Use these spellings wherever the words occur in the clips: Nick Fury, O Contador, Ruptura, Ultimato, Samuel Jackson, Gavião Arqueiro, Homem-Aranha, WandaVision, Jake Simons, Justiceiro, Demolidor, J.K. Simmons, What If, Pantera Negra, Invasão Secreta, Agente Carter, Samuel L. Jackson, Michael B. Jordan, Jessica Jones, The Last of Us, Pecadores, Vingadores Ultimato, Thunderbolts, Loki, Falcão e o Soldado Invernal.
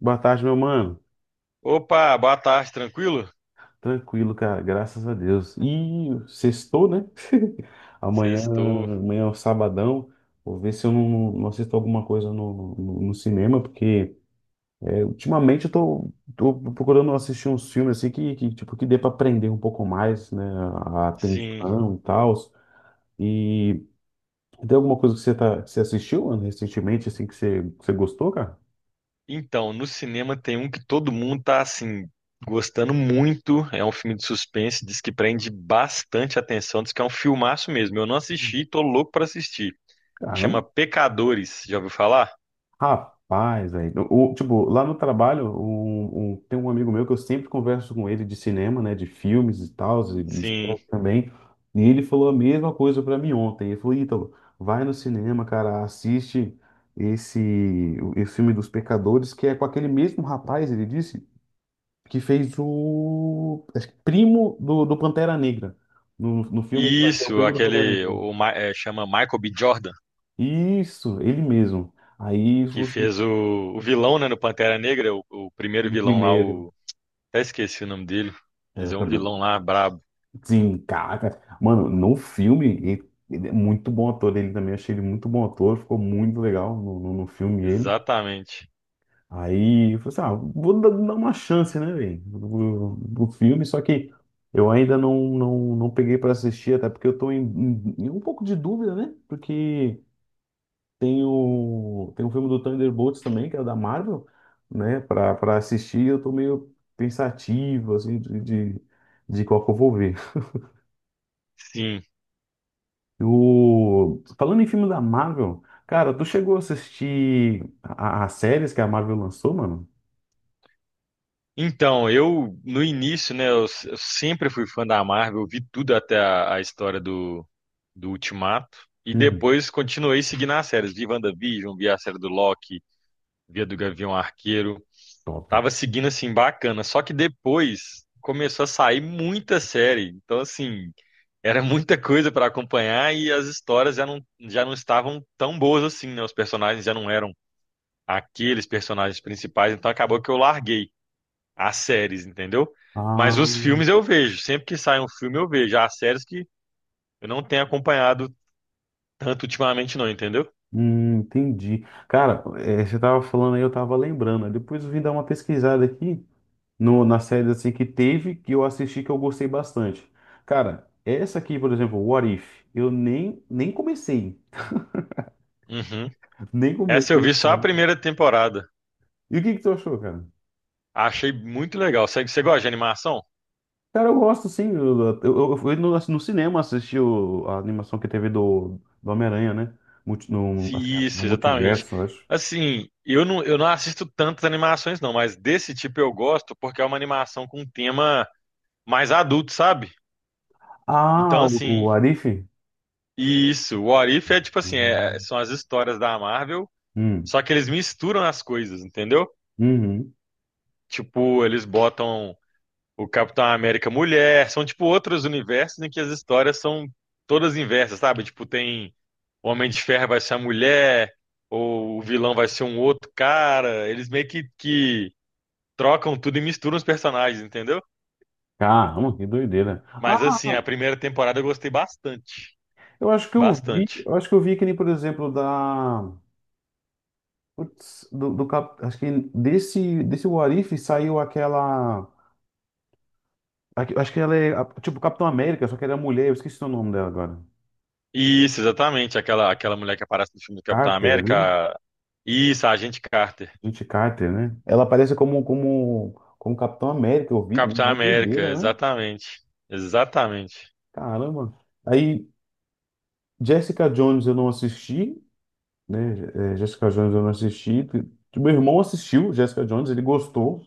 Boa tarde, meu mano. Opa, boa tarde, tranquilo? Tranquilo, cara. Graças a Deus. E sextou, né? Amanhã, Sextou. amanhã é o sabadão. Vou ver se eu não assisto alguma coisa no cinema, porque ultimamente eu tô procurando assistir uns filmes assim tipo, que dê pra aprender um pouco mais, né? A Sim. atenção e tal. E tem alguma coisa que que você assistiu, mano, recentemente, assim, que que você gostou, cara? Então, no cinema tem um que todo mundo tá assim gostando muito. É um filme de suspense, diz que prende bastante atenção, diz que é um filmaço mesmo. Eu não assisti, tô louco pra assistir. Chama Caramba. Pecadores, já ouviu falar? Rapaz, velho. O- Tipo, lá no trabalho, tem um amigo meu que eu sempre converso com ele de cinema, né? De filmes e tal, e Sim. esporte também. E ele falou a mesma coisa pra mim ontem. Ele falou, Ítalo, vai no cinema, cara, assiste esse, esse filme dos Pecadores, que é com aquele mesmo rapaz, ele disse, que fez o acho que primo do Pantera Negra. No filme ele faz o Isso, primo do Pantera aquele Negra. o, Ma- é, chama Michael B. Jordan, Isso, ele mesmo. Aí, que você, fez o vilão, né, no Pantera Negra, o primeiro o vilão lá, primeiro. o até esqueci o nome dele, É, mas eu é um também. vilão lá brabo. Sim, caraca. Mano, no filme, ele é muito bom ator. Ele também achei ele muito bom ator. Ficou muito legal no filme ele. Exatamente. Aí eu falei assim, ah, vou dar uma chance, né, velho? Do filme, só que eu ainda não peguei pra assistir, até porque eu tô em um pouco de dúvida, né? Porque tem o filme do Thunderbolts também, que é o da Marvel, né? Pra assistir, eu tô meio pensativo, assim, de qual que eu vou ver. Sim. O... Falando em filme da Marvel, cara, tu chegou a assistir as séries que a Marvel lançou, mano? Então, eu no início, né, eu sempre fui fã da Marvel, eu vi tudo até a história do Ultimato e Uhum. depois continuei seguindo as séries, vi WandaVision, vi a série do Loki, vi a do Gavião Arqueiro, Top. tava seguindo assim bacana, só que depois começou a sair muita série, então assim, era muita coisa para acompanhar e as histórias já não estavam tão boas assim, né, os personagens já não eram aqueles personagens principais, então acabou que eu larguei. As séries, entendeu? Ah, Mas os filmes eu vejo. Sempre que sai um filme eu vejo. As séries que eu não tenho acompanhado tanto ultimamente, não, entendeu? Entendi. Cara, você tava falando aí, eu tava lembrando. Depois eu vim dar uma pesquisada aqui no, na série assim que teve, que eu assisti, que eu gostei bastante. Cara, essa aqui, por exemplo, What If, eu nem comecei. Uhum. Nem Essa eu comecei, vi só a mano. primeira temporada. E o que que tu achou, cara? Achei muito legal. Você gosta de animação? Cara, eu gosto sim. Eu fui no cinema assistir a animação que teve do Homem-Aranha, né? No, Sim, acho que é no isso, exatamente. multiverso, eu acho. Assim, eu não assisto tantas animações, não, mas desse tipo eu gosto porque é uma animação com um tema mais adulto, sabe? Então, Ah, o, o assim, Arif? isso. O What If é tipo assim: Uhum. são as histórias da Marvel, Hum, só que eles misturam as coisas, entendeu? uhum. Tipo, eles botam o Capitão América mulher, são tipo outros universos em que as histórias são todas inversas, sabe? Tipo, tem o Homem de Ferro vai ser a mulher, ou o vilão vai ser um outro cara. Eles meio que trocam tudo e misturam os personagens, entendeu? Caramba, que doideira. Ah, Mas assim, a primeira temporada eu gostei bastante, eu acho que eu vi, bastante. eu acho que eu vi que nem, por exemplo, da. Putz, do acho que desse What If saiu aquela. Aque- acho que ela é tipo Capitão América, só que ela é mulher, eu esqueci o nome dela agora. Isso, exatamente, aquela mulher que aparece no filme do Capitão Carter, né? América. Isso, a Agente Carter. Gente Carter, né? Ela aparece como Capitão América, eu vi também, Capitão uma América, doideira, né? exatamente. Exatamente. Caramba. Aí, Jessica Jones eu não assisti, né? É, Jessica Jones eu não assisti. Tipo, meu irmão assistiu Jessica Jones, ele gostou,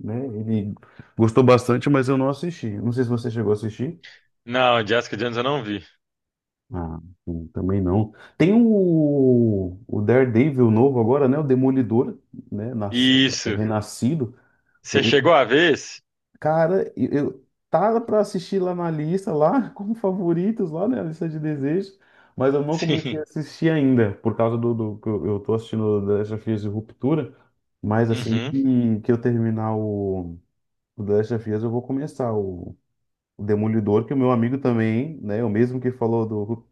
né? Ele gostou bastante, mas eu não assisti. Não sei se você chegou a assistir. Não, Jessica Jones eu não vi. Ah, sim, também não. Tem o Daredevil novo agora, né? O Demolidor, né? Nas- Isso. renascido. Você chegou a ver esse? Cara, eu tava para assistir lá na lista, lá como favoritos, lá na lista de desejos, mas eu não comecei a Sim. assistir ainda, por causa do que eu tô assistindo The Last of Us e Ruptura, mas assim Uhum. Que eu terminar o The Last of Us, eu vou começar o Demolidor, que o meu amigo também, né, o mesmo que falou do, Ru-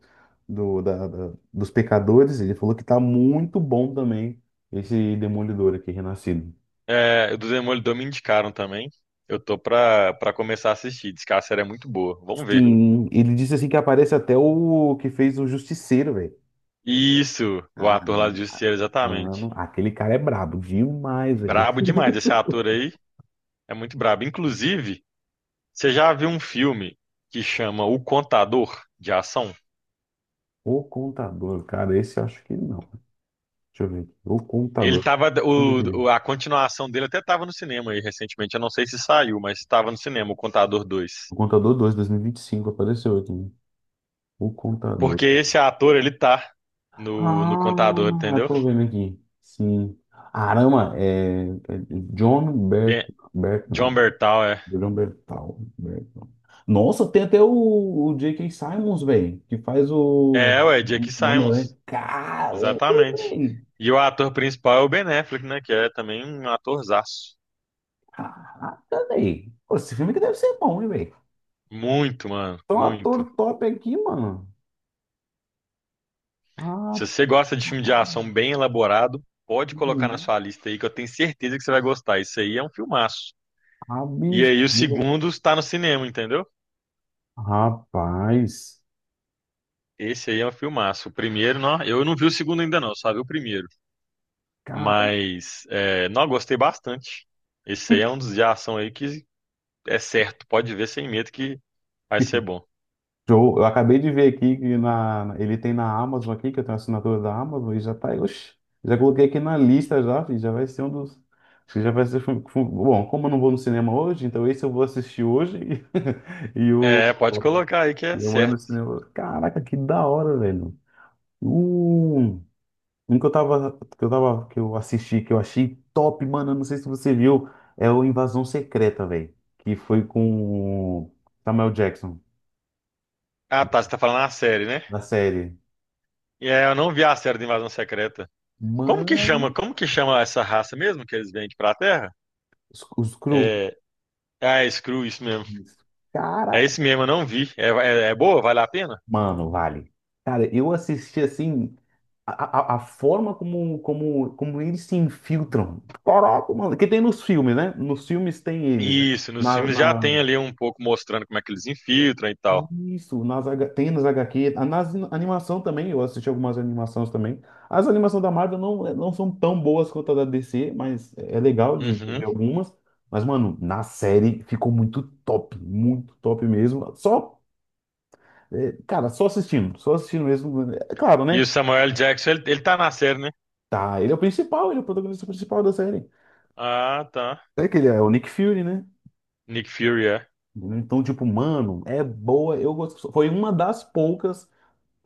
dos Pecadores, ele falou que tá muito bom também esse Demolidor aqui, Renascido. É, o do Demolidor me indicaram também. Eu tô pra começar a assistir. Diz que a série é muito boa. Vamos ver. Sim, ele disse assim que aparece até o que fez o Justiceiro, velho. Isso, o Ah, ator lá do Justiceiro, mano, exatamente. aquele cara é brabo demais, velho. Brabo demais. Esse ator aí é muito brabo. Inclusive, você já viu um filme que chama O Contador de Ação? O Contador, cara, esse eu acho que não. Deixa eu ver aqui. O Ele Contador. tava. Como é que é? A continuação dele até tava no cinema aí recentemente. Eu não sei se saiu, mas estava no cinema, O Contador dois. O Contador 2, 2025, apareceu aqui. Né? O Contador. Porque esse ator, ele tá no contador, Ah, eu entendeu? tô vendo aqui. Sim. Arama, é John Bert, Ben- Bert, John Bertal, é. Julian Bertal. Bertal. Nossa, tem até o J.K. Simmons, velho, que faz É, ué, Jake o Homem-Aranha. Simons. Caramba, Exatamente. velho. E o ator principal é o Ben Affleck, né? Que é também um atorzaço. Caraca, velho. Pô, esse filme que deve ser bom, hein, velho. Muito, mano, Tem um muito. ator top aqui, mano. Se Ah, você gosta de filme de ação bem elaborado, pode colocar na sua lista aí, que eu tenho certeza que você vai gostar. Isso aí é um filmaço. a E aí o bichinha. segundo está no cinema, entendeu? Rapaz. Esse aí é um filmaço. O primeiro, não, eu não vi o segundo ainda não, só vi o primeiro. Cara. Mas, é, não, eu gostei bastante. Esse aí é um dos de ação aí que é certo. Pode ver sem medo que vai ser bom. Show. Eu acabei de ver aqui que ele tem na Amazon aqui, que eu tenho assinatura da Amazon, e já tá aí. Oxe, já coloquei aqui na lista já, filho, já vai ser um dos. Acho que já vai ser. Fu- fu- bom, como eu não vou no cinema hoje, então esse eu vou assistir hoje e, o. É, pode colocar aí que é E eu mando no certo. cinema. Caraca, que da hora, velho. Um, um que eu assisti, que eu achei top, mano. Eu não sei se você viu, é o Invasão Secreta, velho. Que foi com o Samuel Jackson, Ah, tá, você tá falando a série, né? na série. E é, eu não vi a série de Invasão Secreta. Como que Mano. chama? Como que chama essa raça mesmo que eles vêm aqui pra Terra? Os cru. É, ah, é Skrull, isso mesmo. É Cara, esse mesmo, eu não vi. É, é boa? Vale a pena? mano, vale. Cara, eu assisti assim a forma como eles se infiltram. Caraca, mano. Que tem nos filmes, né? Nos filmes tem eles, né? Isso, nos Na, filmes já na- tem ali um pouco mostrando como é que eles infiltram e tal. isso, nas, H- tem nas HQ. Ah, animação também, eu assisti algumas animações também. As animações da Marvel não são tão boas quanto a da DC, mas é legal de ver Uhum. algumas. Mas, mano, na série ficou muito top mesmo. Só é, cara, só assistindo mesmo. É claro, E o né? Samuel L. Jackson, ele tá na série, né? Tá, ele é o principal, ele é o protagonista principal da série. Ah, tá. É que ele é o Nick Fury, né? Nick Fury, é. Então, tipo, mano, é boa. Eu gosto. Foi uma das poucas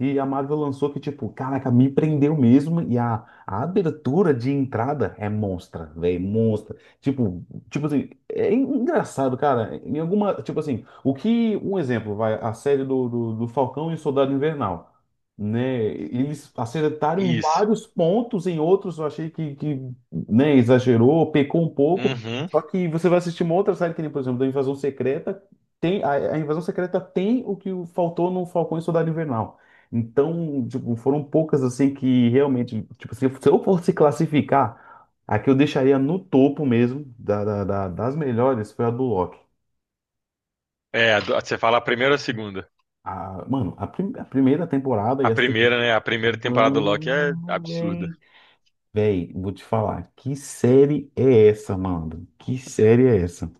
E a Marvel lançou que, tipo, caraca, me prendeu mesmo. E a abertura de entrada é monstra, velho, monstra. Tipo, tipo assim, é engraçado, cara. Em alguma, tipo assim, o que, um exemplo, vai, a série do Falcão e o Soldado Invernal, né? Eles acertaram em Isso. vários pontos, em outros eu achei né, exagerou, pecou um pouco. Uhum. Só que você vai assistir uma outra série que nem, por exemplo, da Invasão Secreta. Tem, a Invasão Secreta tem o que faltou no Falcão e Soldado Invernal. Então, tipo, foram poucas assim que realmente, tipo, se eu fosse classificar, a que eu deixaria no topo mesmo das melhores foi a do Loki. É, você fala a primeira ou a segunda? Prim- a primeira temporada e A a primeira, segunda. né? A primeira temporada do Loki é Mano, absurda. véi. Véi, vou te falar, que série é essa, mano? Que série é essa?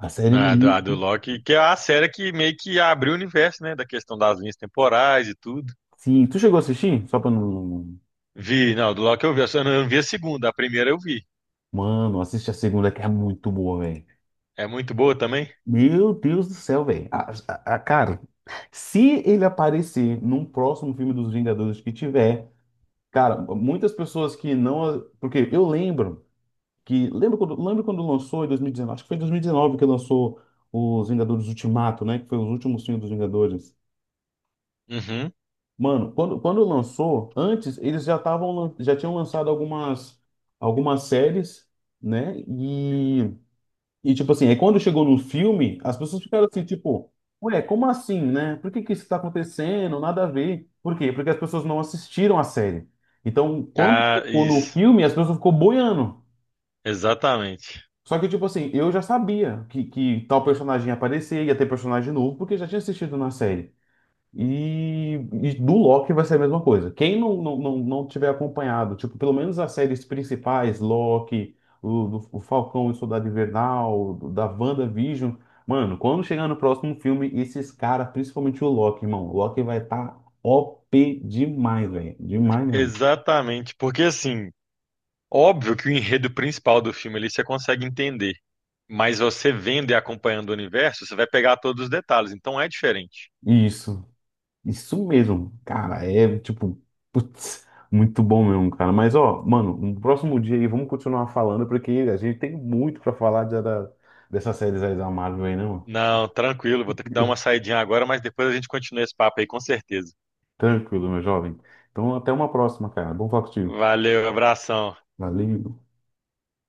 A série é A do muito. Loki, que é a série que meio que abriu o universo, né? Da questão das linhas temporais e tudo. Sim, tu chegou a assistir? Só pra não. Vi, não, do Loki eu vi, eu só não vi a segunda, a primeira eu vi. Mano, assiste a segunda que é muito boa, velho. É muito boa também? Meu Deus do céu, velho. A- cara, se ele aparecer num próximo filme dos Vingadores que tiver, cara, muitas pessoas que não. Porque eu lembro que. Lembro quando lançou em 2019? Acho que foi em 2019 que lançou os Vingadores Ultimato, né? Que foi os últimos filmes dos Vingadores. Uhum. Mano, quando lançou, antes eles já estavam, lan- já tinham lançado algumas, algumas séries, né? E, tipo assim, aí quando chegou no filme, as pessoas ficaram assim, tipo, ué, como assim, né? Por que que isso tá acontecendo? Nada a ver. Por quê? Porque as pessoas não assistiram a série. Então, quando Ah, chegou no isso. filme, as pessoas ficou boiando. Exatamente. Só que, tipo assim, eu já sabia que tal personagem ia aparecer, ia ter personagem novo, porque já tinha assistido na série. E, e do Loki vai ser a mesma coisa. Quem não tiver acompanhado, tipo, pelo menos as séries principais, Loki, o, o Falcão e o Soldado Invernal, do- da WandaVision, mano, quando chegar no próximo filme, esses caras, principalmente o Loki, irmão, o Loki vai estar OP demais, velho. Demais mesmo. Exatamente. Porque assim, óbvio que o enredo principal do filme ali você consegue entender. Mas você vendo e acompanhando o universo, você vai pegar todos os detalhes, então é diferente. Isso. Isso mesmo, cara, é tipo, putz, muito bom mesmo, cara. Mas ó, mano, no próximo dia aí vamos continuar falando, porque a gente tem muito pra falar de- da, dessas séries aí da Marvel aí, né, mano? Não, tranquilo, vou ter que dar uma saidinha agora, mas depois a gente continua esse papo aí, com certeza. Tranquilo, meu jovem. Então até uma próxima, cara. Bom falar contigo. Valeu, abração. Valeu.